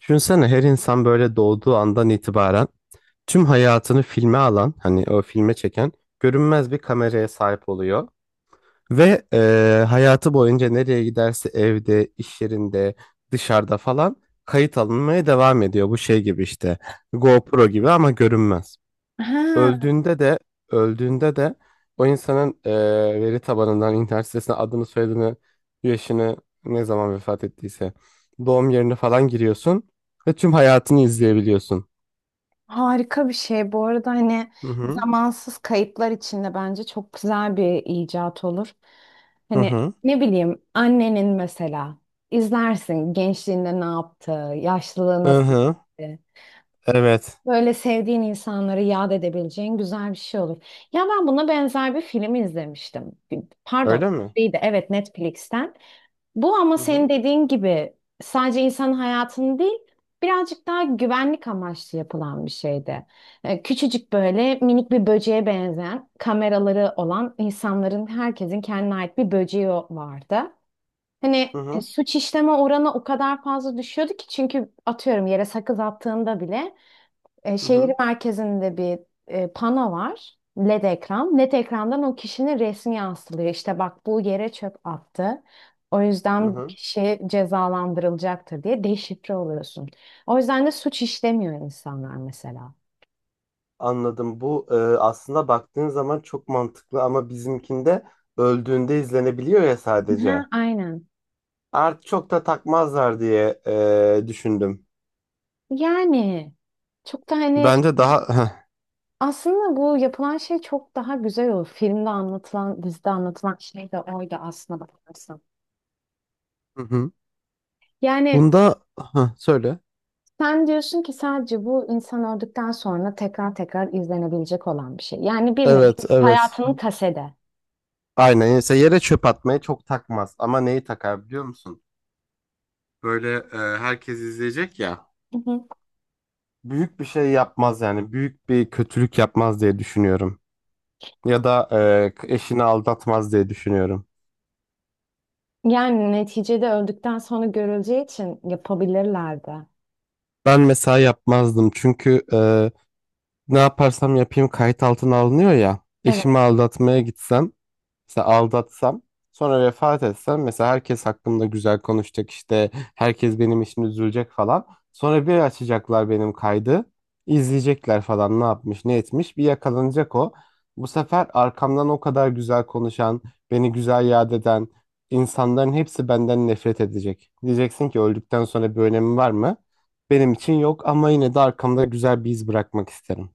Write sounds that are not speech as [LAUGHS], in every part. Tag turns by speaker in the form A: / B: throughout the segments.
A: Düşünsene her insan böyle doğduğu andan itibaren tüm hayatını filme alan, hani o filme çeken görünmez bir kameraya sahip oluyor. Ve hayatı boyunca nereye giderse evde, iş yerinde, dışarıda falan kayıt alınmaya devam ediyor. Bu şey gibi işte GoPro gibi ama görünmez.
B: Ha,
A: Öldüğünde de öldüğünde de o insanın veri tabanından internet sitesine adını, soyadını, yaşını ne zaman vefat ettiyse doğum yerini falan giriyorsun ve tüm hayatını izleyebiliyorsun.
B: harika bir şey. Bu arada hani
A: Hı hı.
B: zamansız kayıtlar içinde bence çok güzel bir icat olur.
A: Hı
B: Hani
A: hı.
B: ne bileyim annenin mesela izlersin gençliğinde ne yaptı, yaşlılığı
A: Hı
B: nasıl
A: hı.
B: geçti.
A: Evet.
B: Böyle sevdiğin insanları yad edebileceğin güzel bir şey olur. Ya ben buna benzer bir film izlemiştim. Pardon,
A: Öyle mi?
B: değil de evet Netflix'ten. Bu ama
A: Hı
B: senin
A: hı.
B: dediğin gibi sadece insanın hayatını değil, birazcık daha güvenlik amaçlı yapılan bir şeydi. Küçücük böyle minik bir böceğe benzeyen kameraları olan insanların herkesin kendine ait bir böceği vardı. Hani
A: Hı hı.
B: suç işleme oranı o kadar fazla düşüyordu ki çünkü atıyorum yere sakız attığında bile
A: Hı
B: şehir
A: hı.
B: merkezinde bir pano var. LED ekran. LED ekrandan o kişinin resmi yansılıyor. İşte bak bu yere çöp attı. O
A: Hı
B: yüzden bu
A: hı.
B: kişi cezalandırılacaktır diye deşifre oluyorsun. O yüzden de suç işlemiyor insanlar mesela.
A: Anladım. Bu aslında baktığın zaman çok mantıklı ama bizimkinde öldüğünde izlenebiliyor ya
B: Ha,
A: sadece.
B: aynen.
A: Artık çok da takmazlar diye düşündüm.
B: Yani çok da hani
A: Bence daha [LAUGHS]
B: aslında bu yapılan şey çok daha güzel olur. Filmde anlatılan, dizide anlatılan şey de oydu aslında bakarsan.
A: Hı hı.
B: Yani
A: Bunda Hah, söyle.
B: sen diyorsun ki sadece bu insan öldükten sonra tekrar tekrar izlenebilecek olan bir şey. Yani bir nevi
A: Evet, evet.
B: hayatının kasede.
A: Aynen. Mesela yere çöp atmayı çok takmaz. Ama neyi takar biliyor musun? Böyle herkes izleyecek ya.
B: Hı hı.
A: Büyük bir şey yapmaz yani. Büyük bir kötülük yapmaz diye düşünüyorum. Ya da eşini aldatmaz diye düşünüyorum.
B: Yani neticede öldükten sonra görüleceği için yapabilirlerdi.
A: Ben mesela yapmazdım. Çünkü ne yaparsam yapayım kayıt altına alınıyor ya. Eşimi aldatmaya gitsem, mesela aldatsam sonra vefat etsem mesela herkes hakkımda güzel konuşacak, işte herkes benim için üzülecek falan. Sonra bir açacaklar benim kaydı, izleyecekler falan, ne yapmış ne etmiş bir yakalanacak o. Bu sefer arkamdan o kadar güzel konuşan, beni güzel yad eden insanların hepsi benden nefret edecek. Diyeceksin ki öldükten sonra bir önemi var mı? Benim için yok ama yine de arkamda güzel bir iz bırakmak isterim.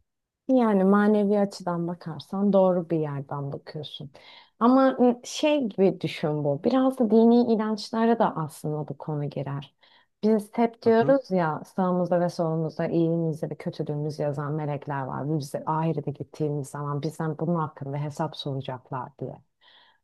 B: Yani manevi açıdan bakarsan doğru bir yerden bakıyorsun. Ama şey gibi düşün bu. Biraz da dini inançlara da aslında bu konu girer. Biz hep
A: Hı hı,
B: diyoruz ya sağımızda ve solumuzda iyiliğimizi ve kötülüğümüzü yazan melekler var. Biz de ahirete gittiğimiz zaman bizden bunun hakkında hesap soracaklar diye.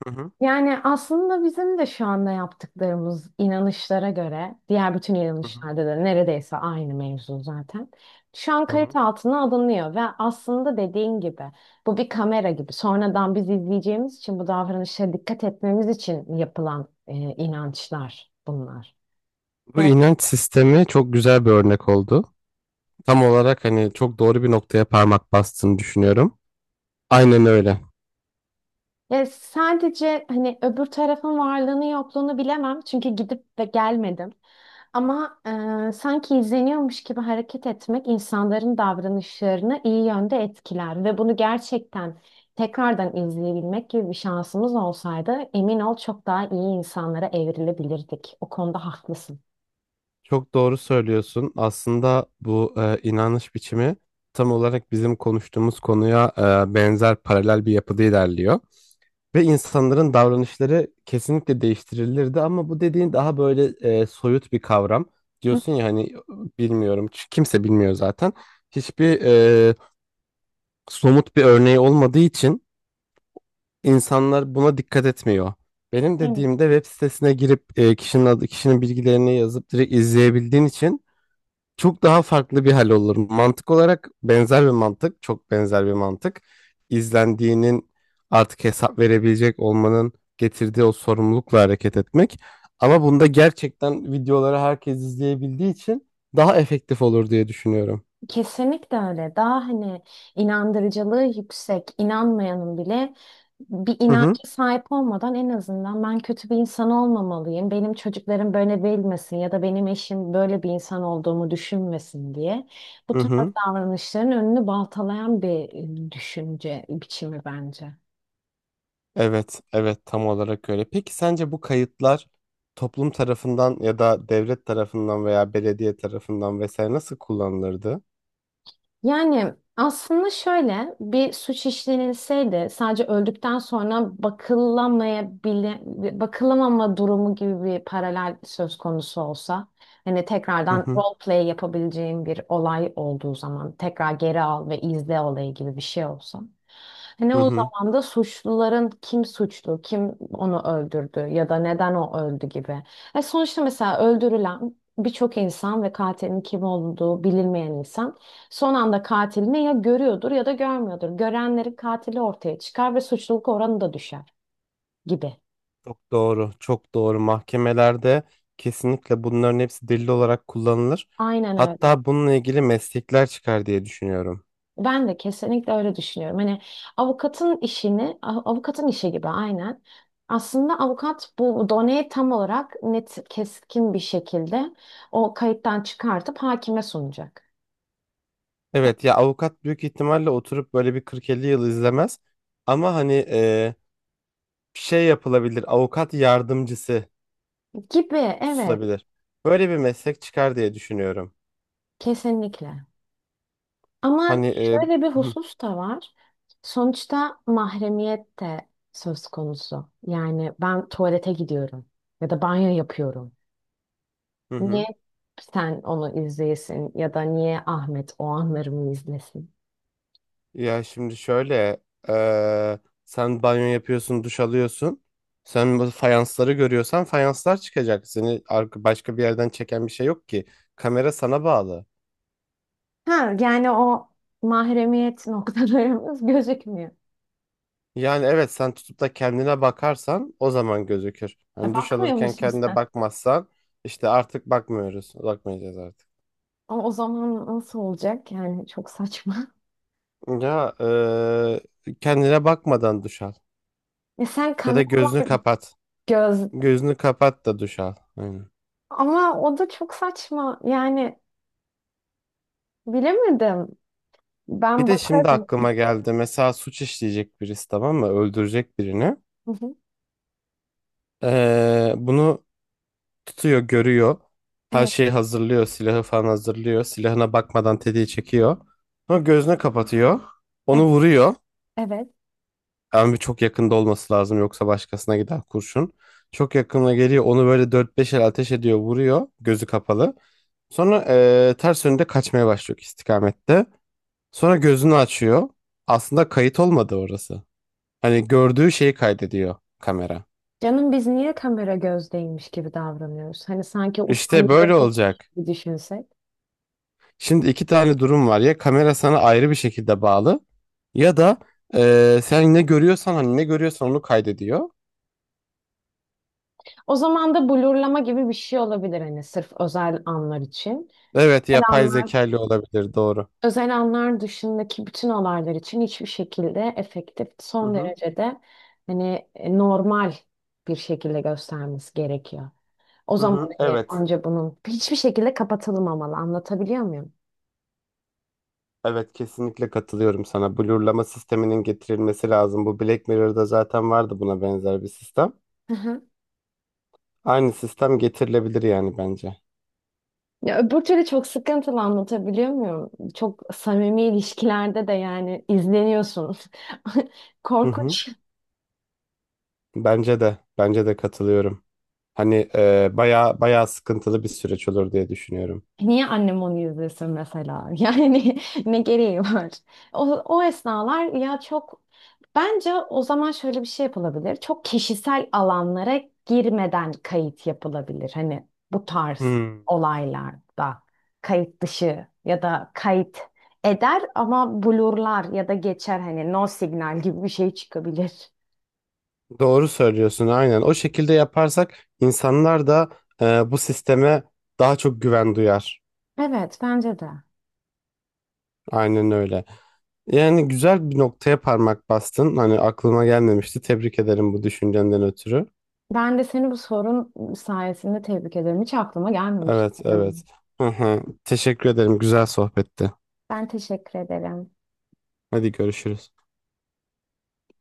A: hı hı,
B: Yani aslında bizim de şu anda yaptıklarımız inanışlara göre, diğer bütün
A: hı hı.
B: inanışlarda da neredeyse aynı mevzu zaten. Şu an kayıt altına alınıyor ve aslında dediğin gibi bu bir kamera gibi. Sonradan biz izleyeceğimiz için bu davranışlara dikkat etmemiz için yapılan inançlar bunlar.
A: Bu
B: Yani,
A: inanç sistemi çok güzel bir örnek oldu. Tam olarak hani çok doğru bir noktaya parmak bastığını düşünüyorum. Aynen öyle.
B: sadece hani öbür tarafın varlığını yokluğunu bilemem çünkü gidip ve gelmedim. Ama sanki izleniyormuş gibi hareket etmek insanların davranışlarını iyi yönde etkiler ve bunu gerçekten tekrardan izleyebilmek gibi bir şansımız olsaydı emin ol çok daha iyi insanlara evrilebilirdik. O konuda haklısın.
A: Çok doğru söylüyorsun. Aslında bu inanış biçimi tam olarak bizim konuştuğumuz konuya benzer paralel bir yapıda ilerliyor. Ve insanların davranışları kesinlikle değiştirilirdi ama bu dediğin daha böyle soyut bir kavram.
B: Hı,
A: Diyorsun ya hani bilmiyorum, kimse bilmiyor zaten. Hiçbir somut bir örneği olmadığı için İnsanlar buna dikkat etmiyor. Benim
B: aynen.
A: dediğimde web sitesine girip kişinin adı, kişinin bilgilerini yazıp direkt izleyebildiğin için çok daha farklı bir hal olur. Mantık olarak benzer bir mantık, çok benzer bir mantık. İzlendiğinin, artık hesap verebilecek olmanın getirdiği o sorumlulukla hareket etmek. Ama bunda gerçekten videoları herkes izleyebildiği için daha efektif olur diye düşünüyorum.
B: Kesinlikle öyle. Daha hani inandırıcılığı yüksek, inanmayanın bile bir
A: Hı
B: inanca
A: hı.
B: sahip olmadan en azından ben kötü bir insan olmamalıyım. Benim çocuklarım böyle bilmesin ya da benim eşim böyle bir insan olduğumu düşünmesin diye bu
A: Hı
B: tarz
A: hı.
B: davranışların önünü baltalayan bir düşünce biçimi bence.
A: Evet, evet, tam olarak öyle. Peki sence bu kayıtlar toplum tarafından ya da devlet tarafından veya belediye tarafından vesaire nasıl kullanılırdı?
B: Yani aslında şöyle bir suç işlenilseydi sadece öldükten sonra bakılamama durumu gibi bir paralel söz konusu olsa hani
A: Hı
B: tekrardan
A: hı,
B: role play yapabileceğim bir olay olduğu zaman tekrar geri al ve izle olayı gibi bir şey olsa hani
A: hı
B: o
A: hı.
B: zaman da suçluların kim suçlu, kim onu öldürdü ya da neden o öldü gibi. E sonuçta mesela öldürülen birçok insan ve katilin kim olduğu bilinmeyen insan son anda katilini ya görüyordur ya da görmüyordur. Görenlerin katili ortaya çıkar ve suçluluk oranı da düşer gibi.
A: Çok doğru, çok doğru. Mahkemelerde kesinlikle bunların hepsi delil olarak kullanılır.
B: Aynen öyle.
A: Hatta bununla ilgili meslekler çıkar diye düşünüyorum.
B: Ben de kesinlikle öyle düşünüyorum. Hani avukatın işi gibi aynen. Aslında avukat bu doneyi tam olarak net, keskin bir şekilde o kayıttan çıkartıp hakime sunacak.
A: Evet ya, avukat büyük ihtimalle oturup böyle bir 40-50 yıl izlemez. Ama hani bir şey yapılabilir. Avukat yardımcısı
B: Gibi, evet,
A: tutulabilir. Böyle bir meslek çıkar diye düşünüyorum.
B: kesinlikle. Ama
A: Hani
B: şöyle bir
A: hı,
B: husus da var. Sonuçta mahremiyet de söz konusu. Yani ben tuvalete gidiyorum ya da banyo yapıyorum.
A: hı
B: Niye
A: hı.
B: sen onu izleyesin ya da niye Ahmet o anlarımı izlesin?
A: Ya şimdi şöyle e, sen banyo yapıyorsun, duş alıyorsun. Sen bu fayansları görüyorsan fayanslar çıkacak. Seni başka bir yerden çeken bir şey yok ki. Kamera sana bağlı.
B: Ha, yani o mahremiyet noktalarımız [LAUGHS] gözükmüyor.
A: Yani evet, sen tutup da kendine bakarsan o zaman gözükür.
B: E,
A: Hani duş
B: bakmıyor
A: alırken
B: musun
A: kendine
B: sen?
A: bakmazsan, işte artık bakmıyoruz. Bakmayacağız artık.
B: O zaman nasıl olacak? Yani çok saçma. [LAUGHS]
A: Ya kendine bakmadan duş al.
B: E sen
A: Ya da gözünü
B: kameralar
A: kapat.
B: göz
A: Gözünü kapat da duş al. Aynen.
B: ama o da çok saçma. Yani bilemedim.
A: Bir
B: Ben
A: de şimdi
B: bakarım.
A: aklıma geldi. Mesela suç işleyecek birisi, tamam mı? Öldürecek birini.
B: Hı hı.
A: Bunu tutuyor, görüyor. Her
B: Evet,
A: şeyi hazırlıyor. Silahı falan hazırlıyor. Silahına bakmadan tetiği çekiyor. Sonra gözünü kapatıyor. Onu
B: evet,
A: vuruyor.
B: evet.
A: Ama çok yakında olması lazım, yoksa başkasına gider kurşun. Çok yakına geliyor, onu böyle dört beş el ateş ediyor, vuruyor gözü kapalı. Sonra ters yönde kaçmaya başlıyor istikamette. Sonra gözünü açıyor. Aslında kayıt olmadı orası. Hani gördüğü şeyi kaydediyor kamera.
B: Canım biz niye kamera gözdeymiş gibi davranıyoruz? Hani sanki uçan
A: İşte
B: bir
A: böyle
B: böcek
A: olacak.
B: gibi düşünsek.
A: Şimdi iki tane durum var. Ya kamera sana ayrı bir şekilde bağlı, ya da sen ne görüyorsan, hani ne görüyorsan onu kaydediyor.
B: O zaman da blurlama gibi bir şey olabilir hani sırf özel anlar için.
A: Evet,
B: Özel
A: yapay
B: anlar,
A: zekalı olabilir, doğru.
B: özel anlar dışındaki bütün olaylar için hiçbir şekilde efektif,
A: Hı
B: son
A: hı.
B: derecede hani normal bir şekilde göstermesi gerekiyor. O
A: Hı
B: zaman
A: hı,
B: hani
A: evet.
B: anca bunun hiçbir şekilde kapatılmamalı. Anlatabiliyor muyum?
A: Evet, kesinlikle katılıyorum sana. Blurlama sisteminin getirilmesi lazım. Bu Black Mirror'da zaten vardı, buna benzer bir sistem.
B: [LAUGHS]
A: Aynı sistem getirilebilir yani, bence.
B: Ya öbür türlü çok sıkıntılı anlatabiliyor muyum? Çok samimi ilişkilerde de yani izleniyorsun. [LAUGHS]
A: Hı hı.
B: Korkunç.
A: Bence de. Bence de katılıyorum. Hani bayağı bayağı sıkıntılı bir süreç olur diye düşünüyorum.
B: Niye annem onu izlesin mesela? [LAUGHS] Yani ne gereği var? O, o esnalar ya çok bence o zaman şöyle bir şey yapılabilir. Çok kişisel alanlara girmeden kayıt yapılabilir. Hani bu tarz
A: Hmm.
B: olaylarda kayıt dışı ya da kayıt eder ama blurlar ya da geçer hani no signal gibi bir şey çıkabilir.
A: Doğru söylüyorsun, aynen. O şekilde yaparsak insanlar da bu sisteme daha çok güven duyar.
B: Evet bence de.
A: Aynen öyle. Yani güzel bir noktaya parmak bastın. Hani aklıma gelmemişti. Tebrik ederim bu düşüncenden ötürü.
B: Ben de seni bu sorun sayesinde tebrik ederim. Hiç aklıma gelmemişti
A: Evet,
B: benim.
A: evet. Hı hı. Teşekkür ederim. Güzel sohbetti.
B: Ben teşekkür ederim.
A: Hadi görüşürüz.